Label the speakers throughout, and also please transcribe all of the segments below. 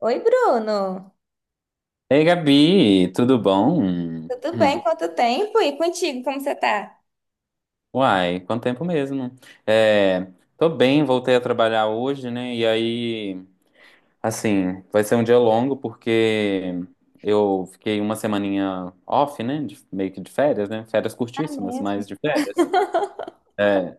Speaker 1: Oi, Bruno.
Speaker 2: Ei, Gabi, tudo bom?
Speaker 1: Tudo bem?
Speaker 2: Hum.
Speaker 1: Quanto tempo? E contigo, como você tá?
Speaker 2: Uai, quanto tempo mesmo. É, tô bem, voltei a trabalhar hoje, né? E aí, assim, vai ser um dia longo porque eu fiquei uma semaninha off, né? Meio que de férias, né? Férias
Speaker 1: Ah
Speaker 2: curtíssimas,
Speaker 1: mesmo?
Speaker 2: mas de férias. É,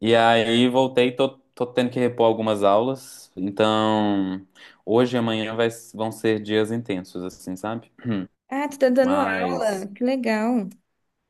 Speaker 2: e aí voltei, tô tendo que repor algumas aulas. Então, hoje e amanhã vão ser dias intensos, assim, sabe?
Speaker 1: Ah, tu tá dando aula.
Speaker 2: Mas.
Speaker 1: Que legal.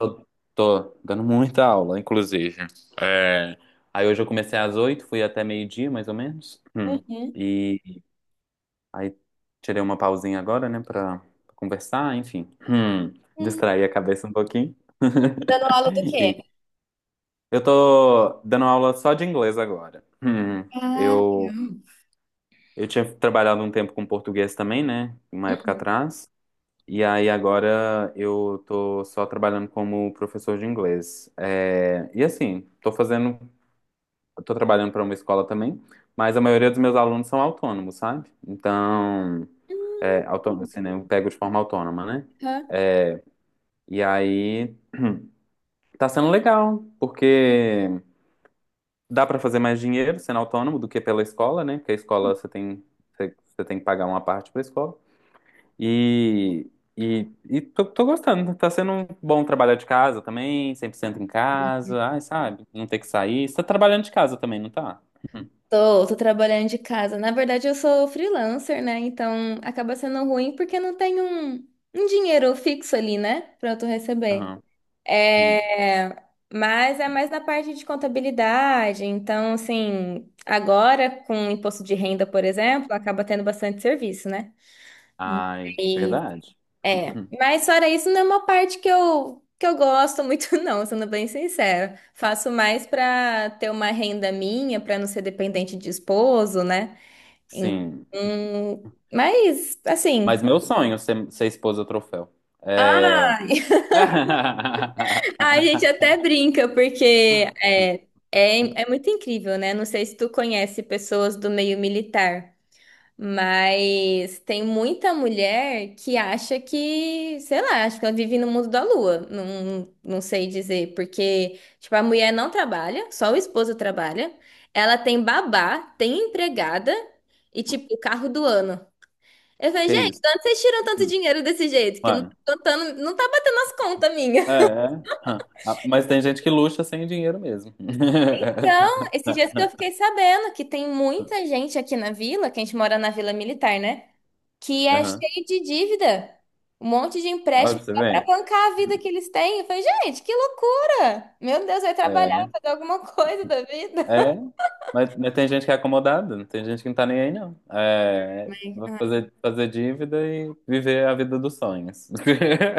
Speaker 2: Eu tô dando muita aula, inclusive. É, Aí hoje eu comecei às 8h, fui até meio-dia, mais ou menos. Hum.
Speaker 1: Uhum.
Speaker 2: E aí tirei uma pausinha agora, né, pra conversar, enfim. Hum.
Speaker 1: Hum.
Speaker 2: Distrair a cabeça um pouquinho.
Speaker 1: Dando aula do quê?
Speaker 2: E eu tô dando aula só de inglês agora. Hum.
Speaker 1: Ah,
Speaker 2: Eu,
Speaker 1: legal.
Speaker 2: eu tinha trabalhado um tempo com português também, né, uma época
Speaker 1: Uhum.
Speaker 2: atrás. E aí agora eu tô só trabalhando como professor de inglês. E assim, tô trabalhando para uma escola também, mas a maioria dos meus alunos são autônomos, sabe? Então,
Speaker 1: Hum,
Speaker 2: autônomo, assim, né? Eu pego de forma autônoma, né?
Speaker 1: Hã?
Speaker 2: E aí tá sendo legal, porque dá para fazer mais dinheiro sendo autônomo do que pela escola, né? Porque a escola você tem que pagar uma parte para a escola. E, e tô gostando. Tá sendo um bom trabalhar de casa também, 100% em casa. Ai, sabe? Não ter que sair. Você tá trabalhando de casa também, não tá?
Speaker 1: Tô, trabalhando de casa. Na verdade, eu sou freelancer, né? Então acaba sendo ruim porque não tem um dinheiro fixo ali, né? Pra eu receber.
Speaker 2: Aham. Uhum.
Speaker 1: É, mas é mais na parte de contabilidade. Então, assim, agora com o imposto de renda, por exemplo, acaba tendo bastante serviço, né?
Speaker 2: Ai,
Speaker 1: E
Speaker 2: verdade.
Speaker 1: é,
Speaker 2: Uhum.
Speaker 1: mas fora isso, não é uma parte que eu gosto muito, não, sendo bem sincera. Faço mais para ter uma renda minha, para não ser dependente de esposo, né?
Speaker 2: Sim.
Speaker 1: Então, mas
Speaker 2: Mas
Speaker 1: assim,
Speaker 2: meu sonho é ser esposa troféu. É.
Speaker 1: ah, a gente até brinca, porque é, é muito incrível, né? Não sei se tu conhece pessoas do meio militar, mas tem muita mulher que acha que, sei lá, acho que ela vive no mundo da lua. Não, não sei dizer, porque, tipo, a mulher não trabalha, só o esposo trabalha, ela tem babá, tem empregada e, tipo, o carro do ano. Eu falei,
Speaker 2: Que
Speaker 1: gente,
Speaker 2: isso?
Speaker 1: de onde vocês tiram tanto
Speaker 2: Hum,
Speaker 1: dinheiro desse jeito? Que não,
Speaker 2: mano.
Speaker 1: tá contando, não tá batendo as contas minhas.
Speaker 2: É, é. Hã. Ah, mas tem gente que luxa sem dinheiro mesmo.
Speaker 1: Então, esses dias que eu fiquei sabendo que tem muita gente aqui na vila, que a gente mora na Vila Militar, né? Que é
Speaker 2: Aham.
Speaker 1: cheio de dívida. Um monte de
Speaker 2: Olha
Speaker 1: empréstimo
Speaker 2: pra você
Speaker 1: só pra
Speaker 2: ver.
Speaker 1: bancar a vida que eles têm. Eu falei, gente, que loucura! Meu Deus, vai trabalhar,
Speaker 2: É.
Speaker 1: fazer alguma coisa da vida.
Speaker 2: É. Mas tem gente que é acomodada, tem gente que não tá nem aí, não. Vou fazer, dívida e viver a vida dos sonhos.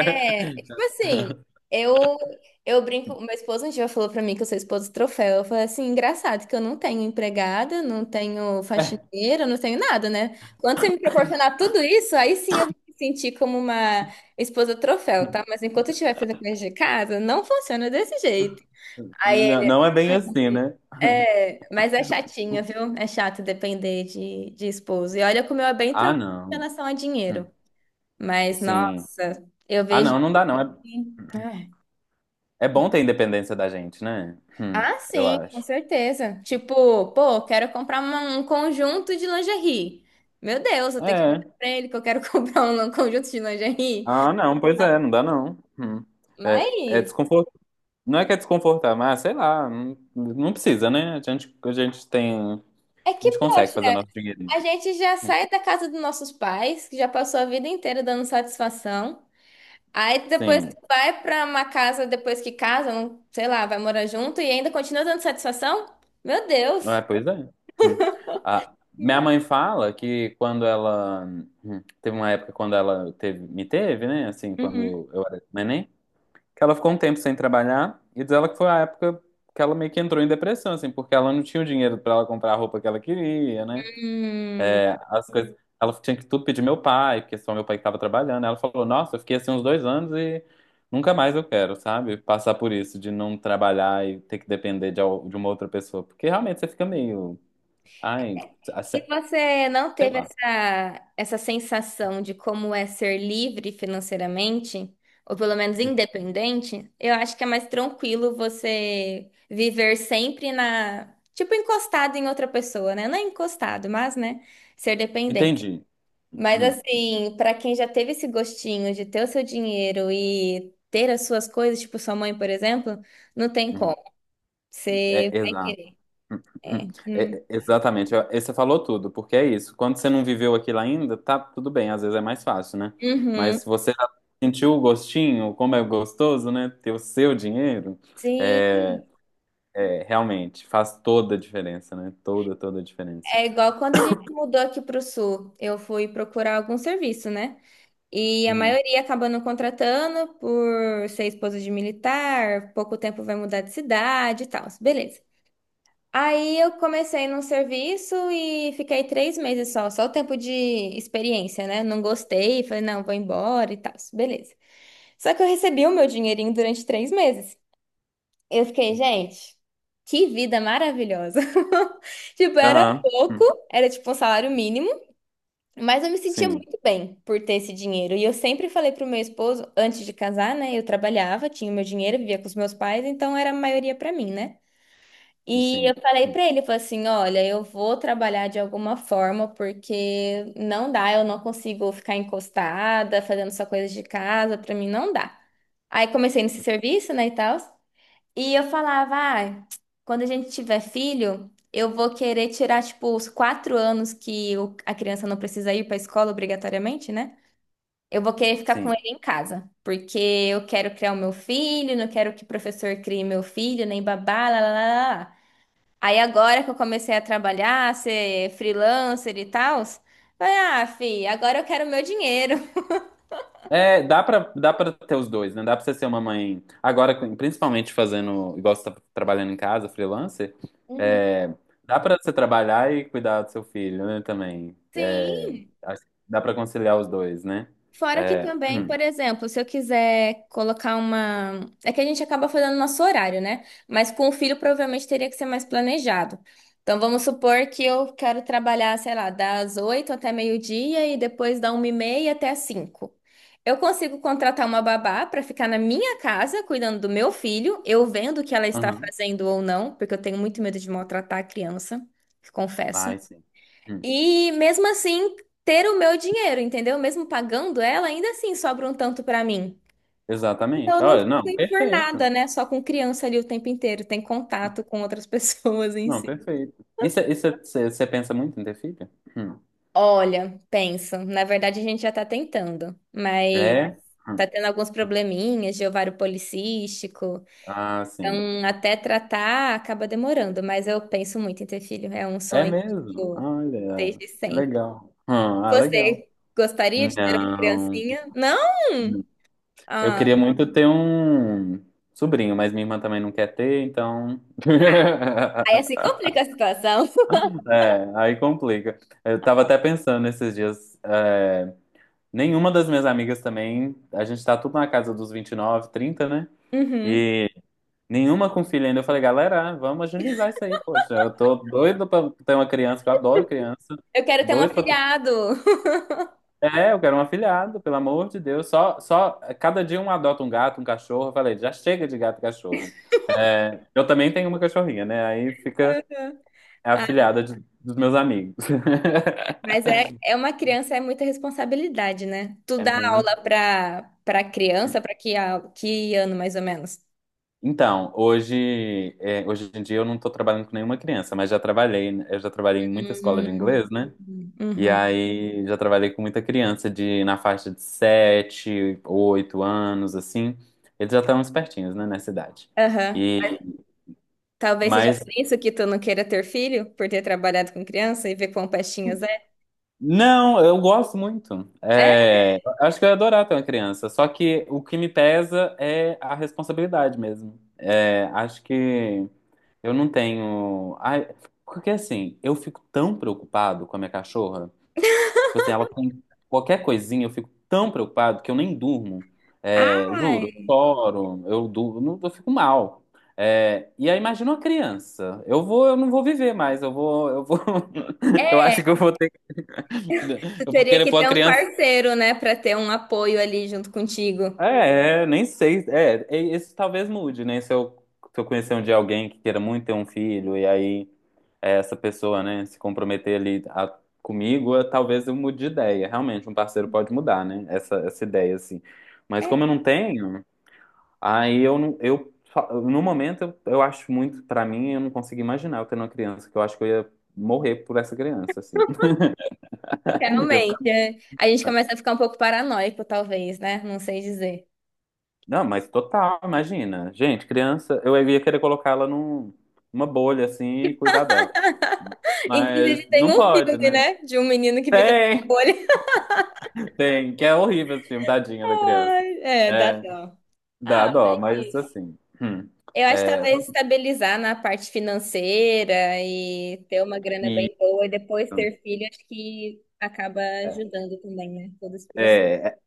Speaker 1: É, tipo assim, eu eu brinco, meu esposo um dia falou pra mim que eu sou esposa troféu. Eu falei assim, engraçado que eu não tenho empregada, não tenho
Speaker 2: É,
Speaker 1: faxineira, não tenho nada, né? Quando você me proporcionar tudo isso, aí sim eu vou me sentir como uma esposa troféu, tá? Mas enquanto eu estiver fazendo coisa de casa, não funciona desse jeito. Aí
Speaker 2: não,
Speaker 1: ele,
Speaker 2: não é bem assim, né?
Speaker 1: é, mas é chatinho, viu? É chato depender de esposo. E olha como eu é bem
Speaker 2: Ah,
Speaker 1: tranquilo em
Speaker 2: não.
Speaker 1: relação a
Speaker 2: Hum,
Speaker 1: dinheiro. Mas,
Speaker 2: sim.
Speaker 1: nossa, eu
Speaker 2: Ah,
Speaker 1: vejo
Speaker 2: não, não dá, não. É,
Speaker 1: que. Ah.
Speaker 2: é bom ter independência da gente, né? Hum,
Speaker 1: Ah,
Speaker 2: eu
Speaker 1: sim, com
Speaker 2: acho.
Speaker 1: certeza. Tipo, pô, quero comprar uma- um conjunto de lingerie. Meu Deus, eu tenho que falar
Speaker 2: É.
Speaker 1: pra ele que eu quero comprar um conjunto de lingerie.
Speaker 2: Ah, não, pois é, não dá, não. Hum. É
Speaker 1: Mas
Speaker 2: desconfortável. Não é que é desconfortável, mas sei lá, não, não precisa, né? A gente tem.
Speaker 1: é
Speaker 2: A
Speaker 1: que,
Speaker 2: gente consegue
Speaker 1: poxa,
Speaker 2: fazer nosso dinheirinho.
Speaker 1: a gente já sai da casa dos nossos pais, que já passou a vida inteira dando satisfação. Aí depois tu
Speaker 2: Sim.
Speaker 1: vai pra uma casa, depois que casa, não- sei lá, vai morar junto e ainda continua dando satisfação? Meu
Speaker 2: É,
Speaker 1: Deus!
Speaker 2: pois é. Hum. Ah, minha mãe fala que quando ela. Teve uma época quando ela me teve, né? Assim,
Speaker 1: Uhum.
Speaker 2: quando eu era neném, que ela ficou um tempo sem trabalhar e diz ela que foi a época que ela meio que entrou em depressão, assim, porque ela não tinha o dinheiro pra ela comprar a roupa que ela queria, né?
Speaker 1: Hum.
Speaker 2: As coisas. Ela tinha que tudo pedir meu pai, porque só meu pai que estava trabalhando. Ela falou: Nossa, eu fiquei assim uns 2 anos e nunca mais eu quero, sabe? Passar por isso, de não trabalhar e ter que depender de uma outra pessoa. Porque realmente você fica meio. Ai,
Speaker 1: E você não
Speaker 2: sei
Speaker 1: teve
Speaker 2: lá.
Speaker 1: essa, essa sensação de como é ser livre financeiramente, ou pelo menos independente? Eu acho que é mais tranquilo você viver sempre na, tipo, encostado em outra pessoa, né? Não é encostado, mas, né, ser dependente.
Speaker 2: Entendi.
Speaker 1: Mas
Speaker 2: Uhum,
Speaker 1: assim, para quem já teve esse gostinho de ter o seu dinheiro e ter as suas coisas, tipo sua mãe, por exemplo, não tem como.
Speaker 2: uhum. É,
Speaker 1: Você vai
Speaker 2: exato.
Speaker 1: querer. É. Hum.
Speaker 2: É, exatamente, você falou tudo, porque é isso. Quando você não viveu aquilo ainda, tá tudo bem, às vezes é mais fácil, né?
Speaker 1: Uhum.
Speaker 2: Mas você já sentiu o gostinho, como é gostoso, né? Ter o seu dinheiro,
Speaker 1: Sim.
Speaker 2: é, realmente faz toda a diferença, né? Toda, toda a diferença.
Speaker 1: É igual quando a gente mudou aqui para o sul, eu fui procurar algum serviço, né? E a
Speaker 2: Uhum.
Speaker 1: maioria acaba não contratando por ser esposa de militar, pouco tempo vai mudar de cidade e tal, beleza. Aí eu comecei num serviço e fiquei 3 meses só o tempo de experiência, né? Não gostei, falei, não, vou embora e tal, beleza. Só que eu recebi o meu dinheirinho durante 3 meses. Eu fiquei, gente, que vida maravilhosa. Tipo, era
Speaker 2: Aham.
Speaker 1: pouco,
Speaker 2: Hum.
Speaker 1: era tipo um salário mínimo. Mas eu me sentia
Speaker 2: Sim,
Speaker 1: muito bem por ter esse dinheiro. E eu sempre falei pro meu esposo, antes de casar, né? Eu trabalhava, tinha o meu dinheiro, vivia com os meus pais, então era a maioria pra mim, né? E eu
Speaker 2: sim.
Speaker 1: falei
Speaker 2: Hum.
Speaker 1: pra ele, eu falei assim, olha, eu vou trabalhar de alguma forma, porque não dá, eu não consigo ficar encostada, fazendo só coisas de casa, pra mim não dá. Aí comecei nesse serviço, né, e tal. E eu falava, ah, quando a gente tiver filho, eu vou querer tirar, tipo, os 4 anos que o- a criança não precisa ir para a escola obrigatoriamente, né? Eu vou querer ficar com
Speaker 2: Sim.
Speaker 1: ele em casa, porque eu quero criar o meu filho, não quero que o professor crie meu filho, nem babá, lá, lá, lá, lá. Aí agora que eu comecei a trabalhar, ser freelancer e tal, falei, ah, fi, agora eu quero meu dinheiro.
Speaker 2: Dá pra ter os dois, né? Dá pra você ser uma mãe. Agora, principalmente fazendo, igual você tá trabalhando em casa, freelancer,
Speaker 1: Uhum.
Speaker 2: é, dá pra você trabalhar e cuidar do seu filho, né? Também. É,
Speaker 1: Sim,
Speaker 2: acho que dá pra conciliar os dois, né?
Speaker 1: fora que
Speaker 2: É,
Speaker 1: também, por exemplo, se eu quiser colocar uma. É que a gente acaba fazendo nosso horário, né? Mas com o filho provavelmente teria que ser mais planejado. Então vamos supor que eu quero trabalhar, sei lá, das 8 até meio-dia e depois da 1:30 até as 5. Eu consigo contratar uma babá para ficar na minha casa cuidando do meu filho, eu vendo o que ela está
Speaker 2: aham.
Speaker 1: fazendo ou não, porque eu tenho muito medo de maltratar a criança, confesso.
Speaker 2: Ai, sim. Hum,
Speaker 1: E mesmo assim, ter o meu dinheiro, entendeu? Mesmo pagando ela, ainda assim sobra um tanto pra mim. Então
Speaker 2: Exatamente.
Speaker 1: eu não
Speaker 2: Olha,
Speaker 1: fico
Speaker 2: não,
Speaker 1: enfurnada,
Speaker 2: perfeito.
Speaker 1: né? Só com criança ali o tempo inteiro, tem contato com outras pessoas em
Speaker 2: Não,
Speaker 1: si.
Speaker 2: perfeito. Isso, isso. Você pensa muito em ter filho? Hum.
Speaker 1: Olha, penso. Na verdade, a gente já tá tentando, mas
Speaker 2: É? Hum.
Speaker 1: tá tendo alguns probleminhas de ovário policístico.
Speaker 2: Ah, sim.
Speaker 1: Então, até tratar acaba demorando, mas eu penso muito em ter filho. É um
Speaker 2: É
Speaker 1: sonho,
Speaker 2: mesmo?
Speaker 1: tipo,
Speaker 2: Olha,
Speaker 1: desde
Speaker 2: que
Speaker 1: sempre.
Speaker 2: legal. Ah, legal.
Speaker 1: Você gostaria de ter uma
Speaker 2: Não.
Speaker 1: criancinha? Não?
Speaker 2: Eu
Speaker 1: Ah,
Speaker 2: queria muito ter um sobrinho, mas minha irmã também não quer ter, então.
Speaker 1: aí assim complica a situação.
Speaker 2: É, aí complica. Eu tava até pensando esses dias. Nenhuma das minhas amigas também. A gente tá tudo na casa dos 29, 30, né?
Speaker 1: Uhum.
Speaker 2: E nenhuma com filho ainda. Eu falei, galera, vamos agilizar isso aí, poxa. Eu tô doido pra ter uma criança, que eu adoro criança.
Speaker 1: Eu quero ter um
Speaker 2: Doido pra
Speaker 1: afilhado.
Speaker 2: eu quero um afilhado, pelo amor de Deus. Cada dia um adota um gato, um cachorro. Eu falei, já chega de gato e cachorro. Eu também tenho uma cachorrinha, né? Aí fica
Speaker 1: Uhum.
Speaker 2: a
Speaker 1: Ah,
Speaker 2: afilhada dos meus amigos.
Speaker 1: mas é, é uma criança, é muita responsabilidade, né? Tu
Speaker 2: É
Speaker 1: dá
Speaker 2: muito.
Speaker 1: aula pra, pra criança, pra que, a- que ano mais ou menos?
Speaker 2: Então, hoje em dia eu não estou trabalhando com nenhuma criança, mas já trabalhei, né? Eu já trabalhei em muita escola de
Speaker 1: Hum.
Speaker 2: inglês, né? E
Speaker 1: Uhum.
Speaker 2: aí já trabalhei com muita criança de na faixa de 7, 8 anos, assim. Eles já estão espertinhos, né, nessa idade.
Speaker 1: Aham.
Speaker 2: E,
Speaker 1: Talvez seja por
Speaker 2: mas
Speaker 1: isso que tu não queira ter filho, por ter trabalhado com criança e ver quão pestinhas é.
Speaker 2: Não, eu gosto muito.
Speaker 1: É?
Speaker 2: Acho que eu ia adorar ter uma criança. Só que o que me pesa é a responsabilidade mesmo. Acho que eu não tenho. Ai, porque assim, eu fico tão preocupado com a minha cachorra. Tipo assim, ela com qualquer coisinha eu fico tão preocupado que eu nem durmo. Juro, eu
Speaker 1: Ai,
Speaker 2: choro, eu durmo, eu fico mal. E aí imagina uma criança. Eu não vou viver mais, eu
Speaker 1: é,
Speaker 2: acho que
Speaker 1: tu
Speaker 2: eu vou
Speaker 1: teria
Speaker 2: querer
Speaker 1: que
Speaker 2: pôr a
Speaker 1: ter um
Speaker 2: criança.
Speaker 1: parceiro, né, pra ter um apoio ali junto contigo.
Speaker 2: Nem sei. Isso talvez mude, né? Se eu conhecer um dia alguém que queira muito ter um filho e aí essa pessoa, né, se comprometer ali comigo, talvez eu mude de ideia. Realmente, um parceiro pode mudar, né, essa ideia, assim. Mas como eu não tenho, aí eu não, eu, fa- no momento, eu acho muito, pra mim, eu não consigo imaginar eu tendo uma criança, que eu acho que eu ia morrer por essa criança, assim. Eu ia ficar,
Speaker 1: Realmente, é. A gente começa a ficar um pouco paranoico, talvez, né? Não sei dizer.
Speaker 2: não, mas total, imagina. Gente, criança, eu ia querer colocar ela numa bolha, assim, e cuidar dela. Mas
Speaker 1: Inclusive, tem
Speaker 2: não
Speaker 1: um
Speaker 2: pode,
Speaker 1: filme,
Speaker 2: né?
Speaker 1: né? De um menino que fica com
Speaker 2: Tem,
Speaker 1: o olho.
Speaker 2: tem, que é horrível esse filme, tadinha da criança.
Speaker 1: Ai, é, dá
Speaker 2: É.
Speaker 1: dó.
Speaker 2: Dá
Speaker 1: Ah, é
Speaker 2: dó, mas
Speaker 1: isso.
Speaker 2: assim.
Speaker 1: Eu acho que
Speaker 2: É,
Speaker 1: talvez estabilizar na parte financeira e ter uma grana
Speaker 2: e,
Speaker 1: bem boa e depois ter filho, acho que acaba ajudando também, né? Todo esse processo.
Speaker 2: é, é,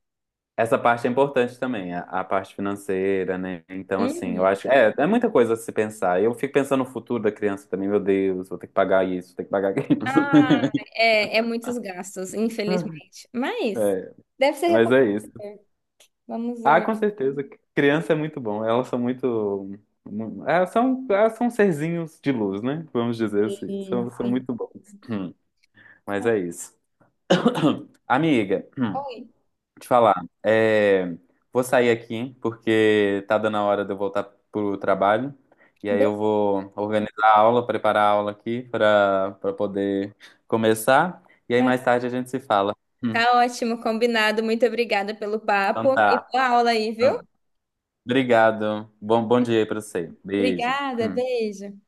Speaker 2: essa parte é importante também, a parte financeira, né? Então, assim, eu
Speaker 1: Uhum.
Speaker 2: acho. É muita coisa a se pensar. Eu fico pensando no futuro da criança também, meu Deus, vou ter que pagar isso, vou ter que pagar aquilo.
Speaker 1: Ah, é, é muitos gastos, infelizmente. Mas
Speaker 2: É,
Speaker 1: deve ser
Speaker 2: mas é isso.
Speaker 1: recuperável. Vamos
Speaker 2: Ah,
Speaker 1: ver.
Speaker 2: com certeza. Criança é muito bom. Elas são muito. Mu- elas são serzinhos de luz, né? Vamos dizer assim.
Speaker 1: Sim,
Speaker 2: São
Speaker 1: sim.
Speaker 2: muito bons. Mas é isso. Amiga,
Speaker 1: Oi.
Speaker 2: te falar, é, vou sair aqui porque tá dando a hora de eu voltar pro trabalho. E aí
Speaker 1: Be-
Speaker 2: eu vou organizar a aula, preparar a aula aqui para poder começar. E aí
Speaker 1: é,
Speaker 2: mais tarde a gente se fala. Hum.
Speaker 1: tá ótimo, combinado. Muito obrigada pelo
Speaker 2: Então
Speaker 1: papo e
Speaker 2: tá.
Speaker 1: boa aula aí, viu?
Speaker 2: Obrigado. Bom dia aí pra você. Beijo.
Speaker 1: Obrigada,
Speaker 2: Hum.
Speaker 1: beijo.